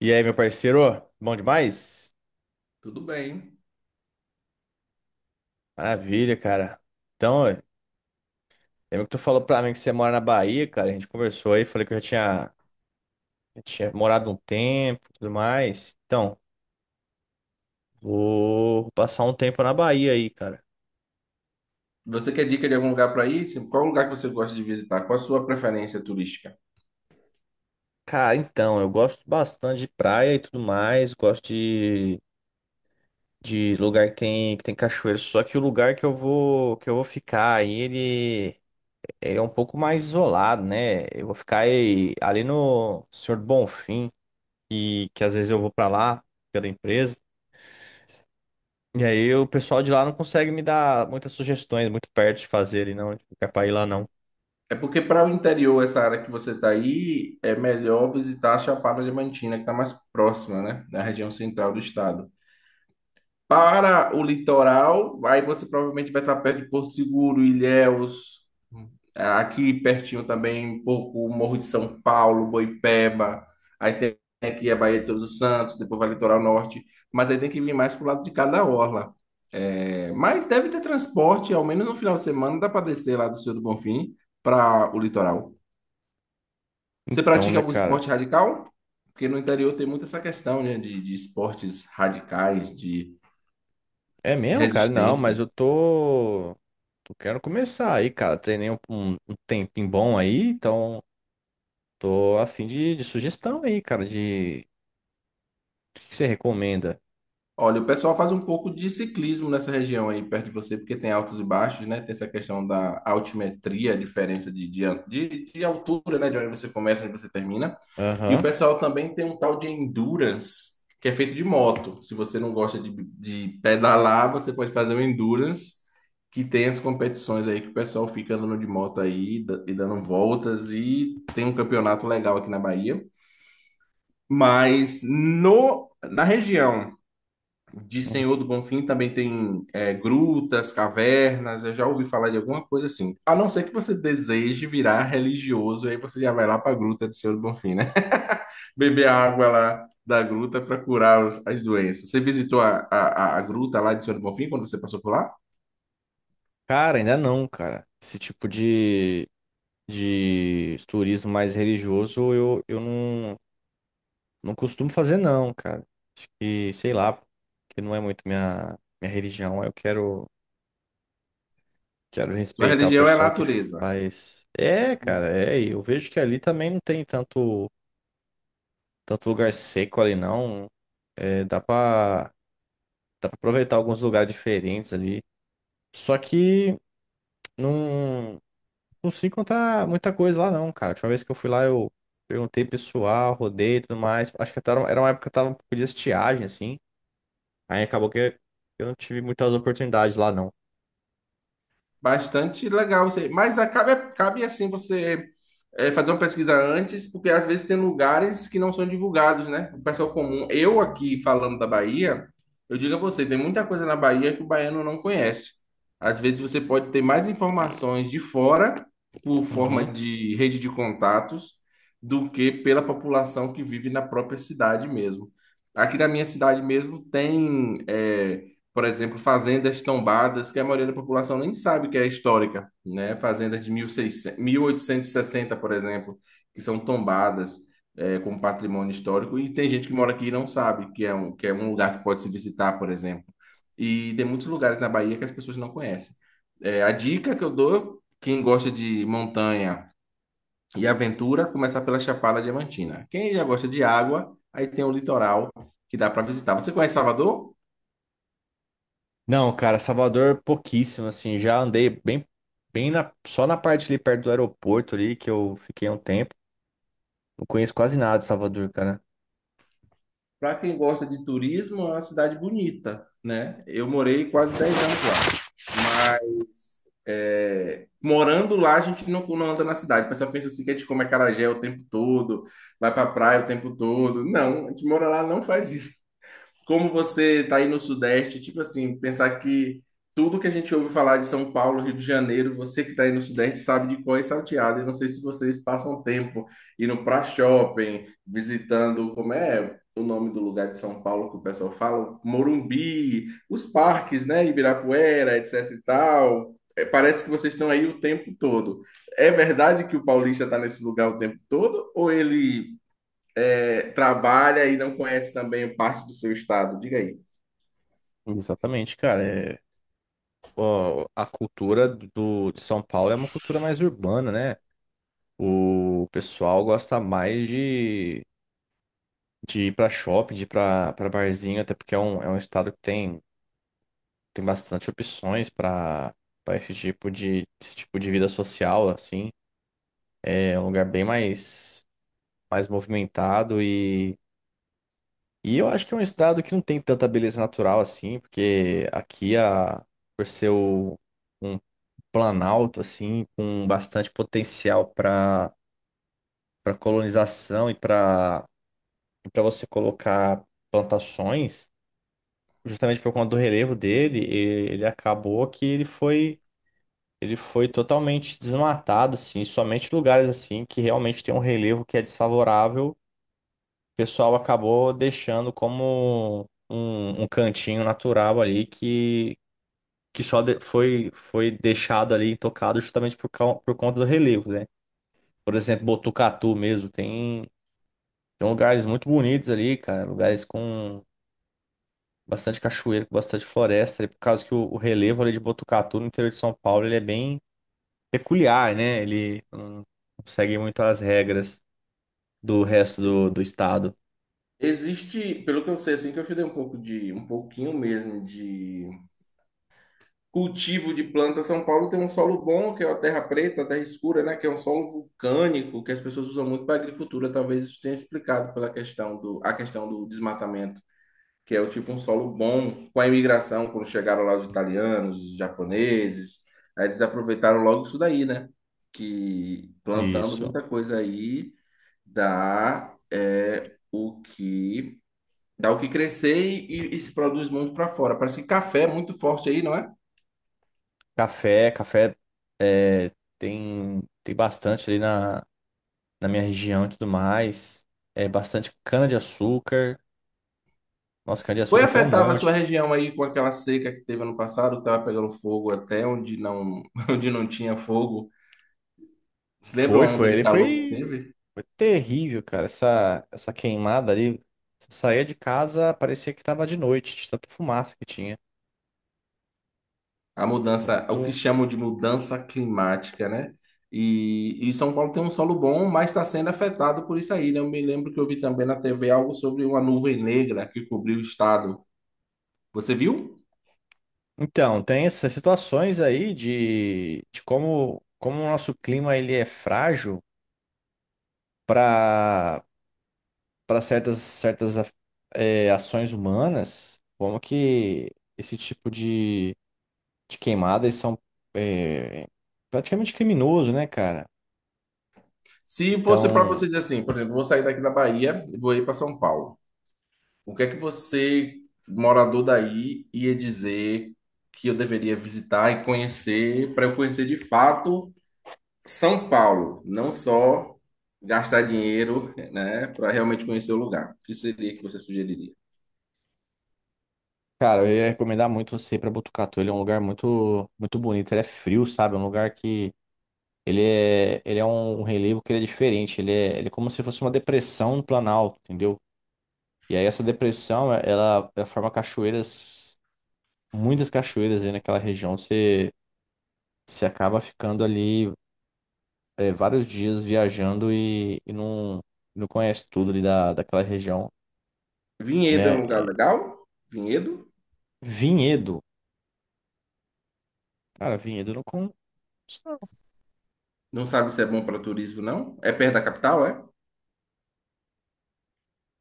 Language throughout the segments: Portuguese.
E aí, meu parceiro? Bom demais? Tudo bem. Maravilha, cara. Então, ué, lembra que tu falou pra mim que você mora na Bahia, cara? A gente conversou aí, falei que já tinha morado um tempo e tudo mais. Então, vou passar um tempo na Bahia aí, cara. Você quer dica de algum lugar para ir? Qual lugar que você gosta de visitar? Qual a sua preferência turística? Cara, então, eu gosto bastante de praia e tudo mais, de lugar que tem cachoeira, só que o lugar que eu vou ficar aí, ele é um pouco mais isolado, né? Eu vou ficar aí, ali no Senhor do Bonfim, e que às vezes eu vou pra lá pela empresa. E aí o pessoal de lá não consegue me dar muitas sugestões, muito perto de fazer ele, não, tipo, quer pra ir lá não. É porque para o interior, essa área que você está aí, é melhor visitar a Chapada Diamantina, que está mais próxima, né? Na região central do estado. Para o litoral, aí você provavelmente vai estar perto de Porto Seguro, Ilhéus, aqui pertinho também, um pouco o Morro de São Paulo, Boipeba, aí tem aqui a Baía de Todos os Santos, depois vai litoral norte, mas aí tem que vir mais pro lado de cada orla. É, mas deve ter transporte, ao menos no final de semana dá para descer lá do Senhor do Bonfim para o litoral. Você Então, pratica né, algum cara? esporte radical? Porque no interior tem muito essa questão, né, de esportes radicais, de É mesmo, cara? Não, mas resistência. eu tô. Eu quero começar aí, cara. Treinei um tempinho bom aí, então tô a de sugestão aí, cara, de o que que você recomenda? Olha, o pessoal faz um pouco de ciclismo nessa região aí perto de você, porque tem altos e baixos, né? Tem essa questão da altimetria, a diferença de altura, né? De onde você começa, onde você termina. E o Aham. pessoal também tem um tal de endurance, que é feito de moto. Se você não gosta de pedalar, você pode fazer o endurance, que tem as competições aí que o pessoal fica andando de moto aí da- e dando voltas. E tem um campeonato legal aqui na Bahia. Mas no, na região de Uhum. Senhor do Bonfim também tem é, grutas, cavernas, eu já ouvi falar de alguma coisa assim. A não ser que você deseje virar religioso, aí você já vai lá para a gruta do Senhor do Bonfim, né? Beber a água lá da gruta para curar as doenças. Você visitou a gruta lá de Senhor do Bonfim quando você passou por lá? Cara, ainda não, cara. Esse de turismo mais religioso eu não, não costumo fazer, não, cara. Acho que, sei lá, que não é muito minha religião. Quero Sua respeitar o religião é a pessoal que natureza. faz. É, cara, é. E eu vejo que ali também não tem tanto, tanto lugar seco ali, não. É, dá pra aproveitar alguns lugares diferentes ali. Só que não, não se encontrar muita coisa lá, não, cara. A última vez que eu fui lá, eu perguntei pessoal, rodei e tudo mais. Acho que até era uma época que tava um pouco de estiagem, assim. Aí acabou que eu não tive muitas oportunidades lá, não. Bastante legal você. Mas acaba, cabe assim você é, fazer uma pesquisa antes, porque às vezes tem lugares que não são divulgados, né? O pessoal comum. Eu aqui falando da Bahia, eu digo a você, tem muita coisa na Bahia que o baiano não conhece. Às vezes você pode ter mais informações de fora, por forma Uhum. de rede de contatos, do que pela população que vive na própria cidade mesmo. Aqui na minha cidade mesmo tem. É, por exemplo, fazendas tombadas que a maioria da população nem sabe que é histórica, né? Fazendas de mil e seiscentos, mil oitocentos e sessenta por exemplo, que são tombadas é, como patrimônio histórico e tem gente que mora aqui e não sabe que é um lugar que pode se visitar, por exemplo. E tem muitos lugares na Bahia que as pessoas não conhecem. É, a dica que eu dou, quem gosta de montanha e aventura, começar pela Chapada Diamantina. Quem já gosta de água, aí tem o litoral que dá para visitar. Você conhece Salvador? Não, cara, Salvador pouquíssimo, assim, já andei bem na, só na parte ali perto do aeroporto ali que eu fiquei um tempo. Não conheço quase nada de Salvador, cara. Para quem gosta de turismo, é uma cidade bonita, né? Eu morei quase 10 anos lá, mas é, morando lá a gente não, não anda na cidade. O pessoal pensa assim que a gente come acarajé o tempo todo, vai para praia o tempo todo. Não, a gente mora lá, não faz isso como você está aí no Sudeste, tipo assim, pensar que tudo que a gente ouve falar de São Paulo, Rio de Janeiro, você que está aí no Sudeste sabe de cor e salteado. Eu não sei se vocês passam tempo indo para shopping, visitando, como é o nome do lugar de São Paulo que o pessoal fala? Morumbi, os parques, né? Ibirapuera, etc e tal. É, parece que vocês estão aí o tempo todo. É verdade que o paulista está nesse lugar o tempo todo? Ou ele é, trabalha e não conhece também parte do seu estado. Diga aí. Exatamente, cara. É, ó, a cultura de São Paulo é uma cultura mais urbana, né? O pessoal gosta mais de ir pra shopping, de ir pra barzinho, até porque é um estado que tem tem bastante opções para para esse tipo de vida social assim é um lugar bem mais mais movimentado e eu acho que é um estado que não tem tanta beleza natural assim, porque aqui a por ser o- um planalto assim com bastante potencial para para colonização e para para você colocar plantações justamente por conta do relevo dele ele acabou que ele foi totalmente desmatado, assim, somente lugares assim que realmente tem um relevo que é desfavorável. O pessoal acabou deixando como um cantinho natural ali que só foi, foi deixado ali intocado justamente por conta do relevo, né? Por exemplo, Botucatu mesmo, tem, tem lugares muito bonitos ali, cara, lugares com bastante cachoeira, com bastante floresta, e por causa que o relevo ali de Botucatu no interior de São Paulo, ele é bem peculiar, né? Ele não segue muito as regras do resto do estado. Existe, pelo que eu sei, assim, que eu estudei um pouco de, um pouquinho mesmo de cultivo de planta. São Paulo tem um solo bom, que é a terra preta, a terra escura, né? Que é um solo vulcânico, que as pessoas usam muito para agricultura. Talvez isso tenha explicado pela questão do, a questão do desmatamento, que é o tipo um solo bom com a imigração, quando chegaram lá os italianos, os japoneses, aí eles aproveitaram logo isso daí, né? Que plantando Isso. muita coisa aí dá é o que dá o que crescer e se produz muito para fora. Parece que café é muito forte aí, não é? Café, café é, tem, tem bastante ali na minha região e tudo mais. É bastante cana-de-açúcar. Nossa, Foi cana-de-açúcar tem um afetada a sua monte. região aí com aquela seca que teve ano passado, que estava pegando fogo até onde não onde não tinha fogo. Se lembra Foi, uma onda foi. de calor que teve? Foi terrível, cara. Essa queimada ali. Você saía de casa, parecia que tava de noite, de tanta fumaça que tinha. A mudança, o que Muito. chamam de mudança climática, né? E São Paulo tem um solo bom, mas está sendo afetado por isso aí, né? Eu me lembro que eu vi também na TV algo sobre uma nuvem negra que cobriu o estado. Você viu? Então, tem essas situações aí de como, como o nosso clima ele é frágil para para certas é, ações humanas, como que esse de queimadas são é, praticamente criminoso, né, cara? Se fosse para Então, você dizer assim, por exemplo, vou sair daqui da Bahia e vou ir para São Paulo. O que é que você, morador daí, ia dizer que eu deveria visitar e conhecer para eu conhecer de fato São Paulo, não só gastar dinheiro, né, para realmente conhecer o lugar? O que seria que você sugeriria? cara, eu ia recomendar muito você ir para Botucatu. Ele é um lugar muito, muito bonito, ele é frio, sabe? É um lugar que ele é um um relevo que ele é diferente. Ele é como se fosse uma depressão no Planalto, entendeu? E aí essa depressão, é, ela forma cachoeiras, muitas cachoeiras aí naquela região. Você, você acaba ficando ali é, vários dias viajando e não, não conhece tudo ali daquela região, Vinhedo é né? um lugar É, legal? Vinhedo? Vinhedo. Cara, Vinhedo eu não conheço, não. Não sabe se é bom para turismo, não? É perto da capital, é?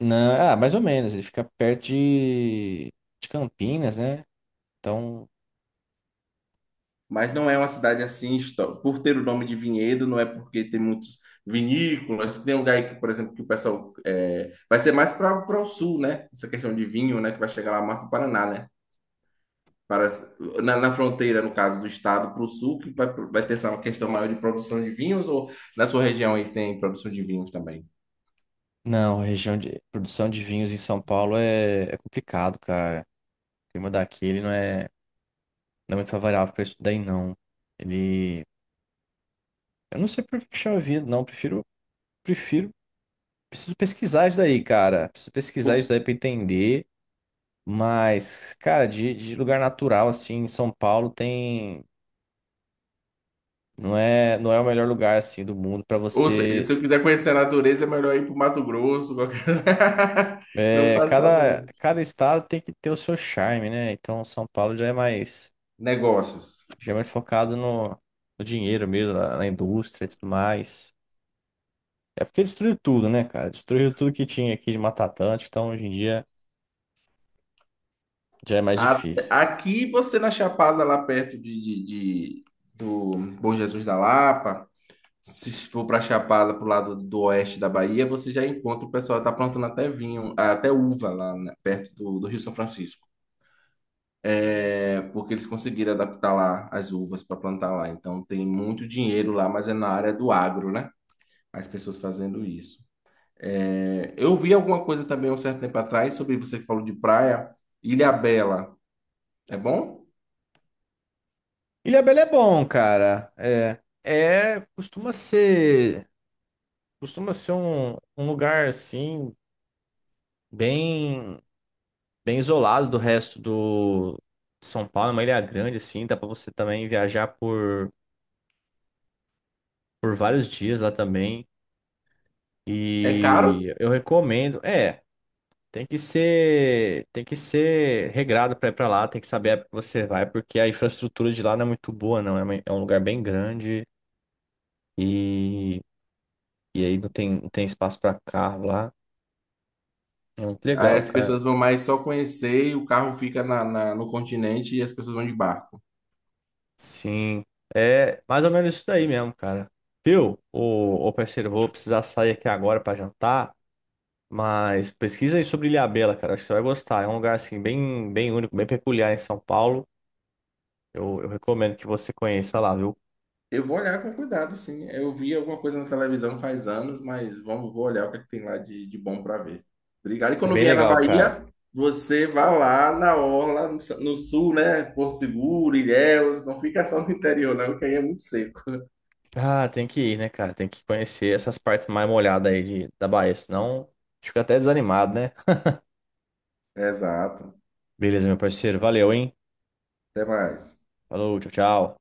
Não, é, ah, mais ou menos. Ele fica perto de Campinas, né? Então, Mas não é uma cidade assim, por ter o nome de Vinhedo, não é porque tem muitos vinícolas, tem um lugar aí que, por exemplo, que o pessoal é, vai ser mais para o sul, né? Essa questão de vinho, né? Que vai chegar lá mais para o Paraná, né? Para, na fronteira, no caso, do estado para o sul, que vai, vai ter essa questão maior de produção de vinhos, ou na sua região aí tem produção de vinhos também? não, a região de produção de vinhos em São Paulo é, é complicado, cara. O clima daqui, ele não é, não é muito favorável para isso daí, não. Ele... Eu não sei por que chama vida, não. Prefiro, prefiro, preciso pesquisar isso daí, cara. Preciso Ou, pesquisar isso daí pra entender. Mas, cara, de lugar natural, assim, em São Paulo tem. Não é o melhor lugar, assim, do mundo pra ou seja, você. se eu quiser conhecer a natureza, é melhor ir para o Mato Grosso, qualquer... não É, passar por aí. cada, cada estado tem que ter o seu charme, né? Então, São Paulo Negócios. já é mais focado no, no dinheiro mesmo, na, na indústria e tudo mais. É porque destruiu tudo, né, cara? Destruiu tudo que tinha aqui de Mata Atlântica, então hoje em dia já é mais A- difícil. Aqui você na Chapada, lá perto de do Bom Jesus da Lapa, se for para Chapada, pro lado do oeste da Bahia, você já encontra o pessoal que tá plantando até vinho, até uva lá né, perto do Rio São Francisco, é, porque eles conseguiram adaptar lá as uvas para plantar lá. Então tem muito dinheiro lá, mas é na área do agro, né? As pessoas fazendo isso. É, eu vi alguma coisa também um certo tempo atrás sobre você que falou de praia, Ilhabela. É bom? Ilhabela é bom, cara. É, é costuma ser um, um lugar assim bem, bem isolado do resto do de São Paulo, é uma ilha grande assim, dá pra você também viajar por vários dias lá também. É caro? E eu recomendo, é, tem que ser regrado pra ir pra lá, tem que saber a época que você vai, porque a infraestrutura de lá não é muito boa, não. É, é um lugar bem grande. E e aí não tem, não tem espaço para carro lá. É muito Aí legal, as cara. pessoas vão mais só conhecer e o carro fica na, na- no continente e as pessoas vão de barco. Sim. É mais ou menos isso daí mesmo, cara. Viu? Ô, ô parceiro, eu vou precisar sair aqui agora para jantar, mas pesquisa aí sobre Ilhabela, cara. Acho que você vai gostar. É um lugar assim bem, bem único, bem peculiar em São Paulo. Eu recomendo que você conheça lá, viu? Eu vou olhar com cuidado, sim. Eu vi alguma coisa na televisão faz anos, mas vamos, vou olhar o que, é que tem lá de bom para ver. Obrigado. E É quando bem vier na legal, cara. Bahia, você vai lá na orla, no sul, né? Porto Seguro, Ilhéus, não fica só no interior, não, que aí é muito seco. Ah, tem que ir, né, cara? Tem que conhecer essas partes mais molhadas aí da Bahia, senão fica até desanimado, né? Exato. Beleza, meu parceiro. Valeu, hein? Até mais. Falou, tchau, tchau.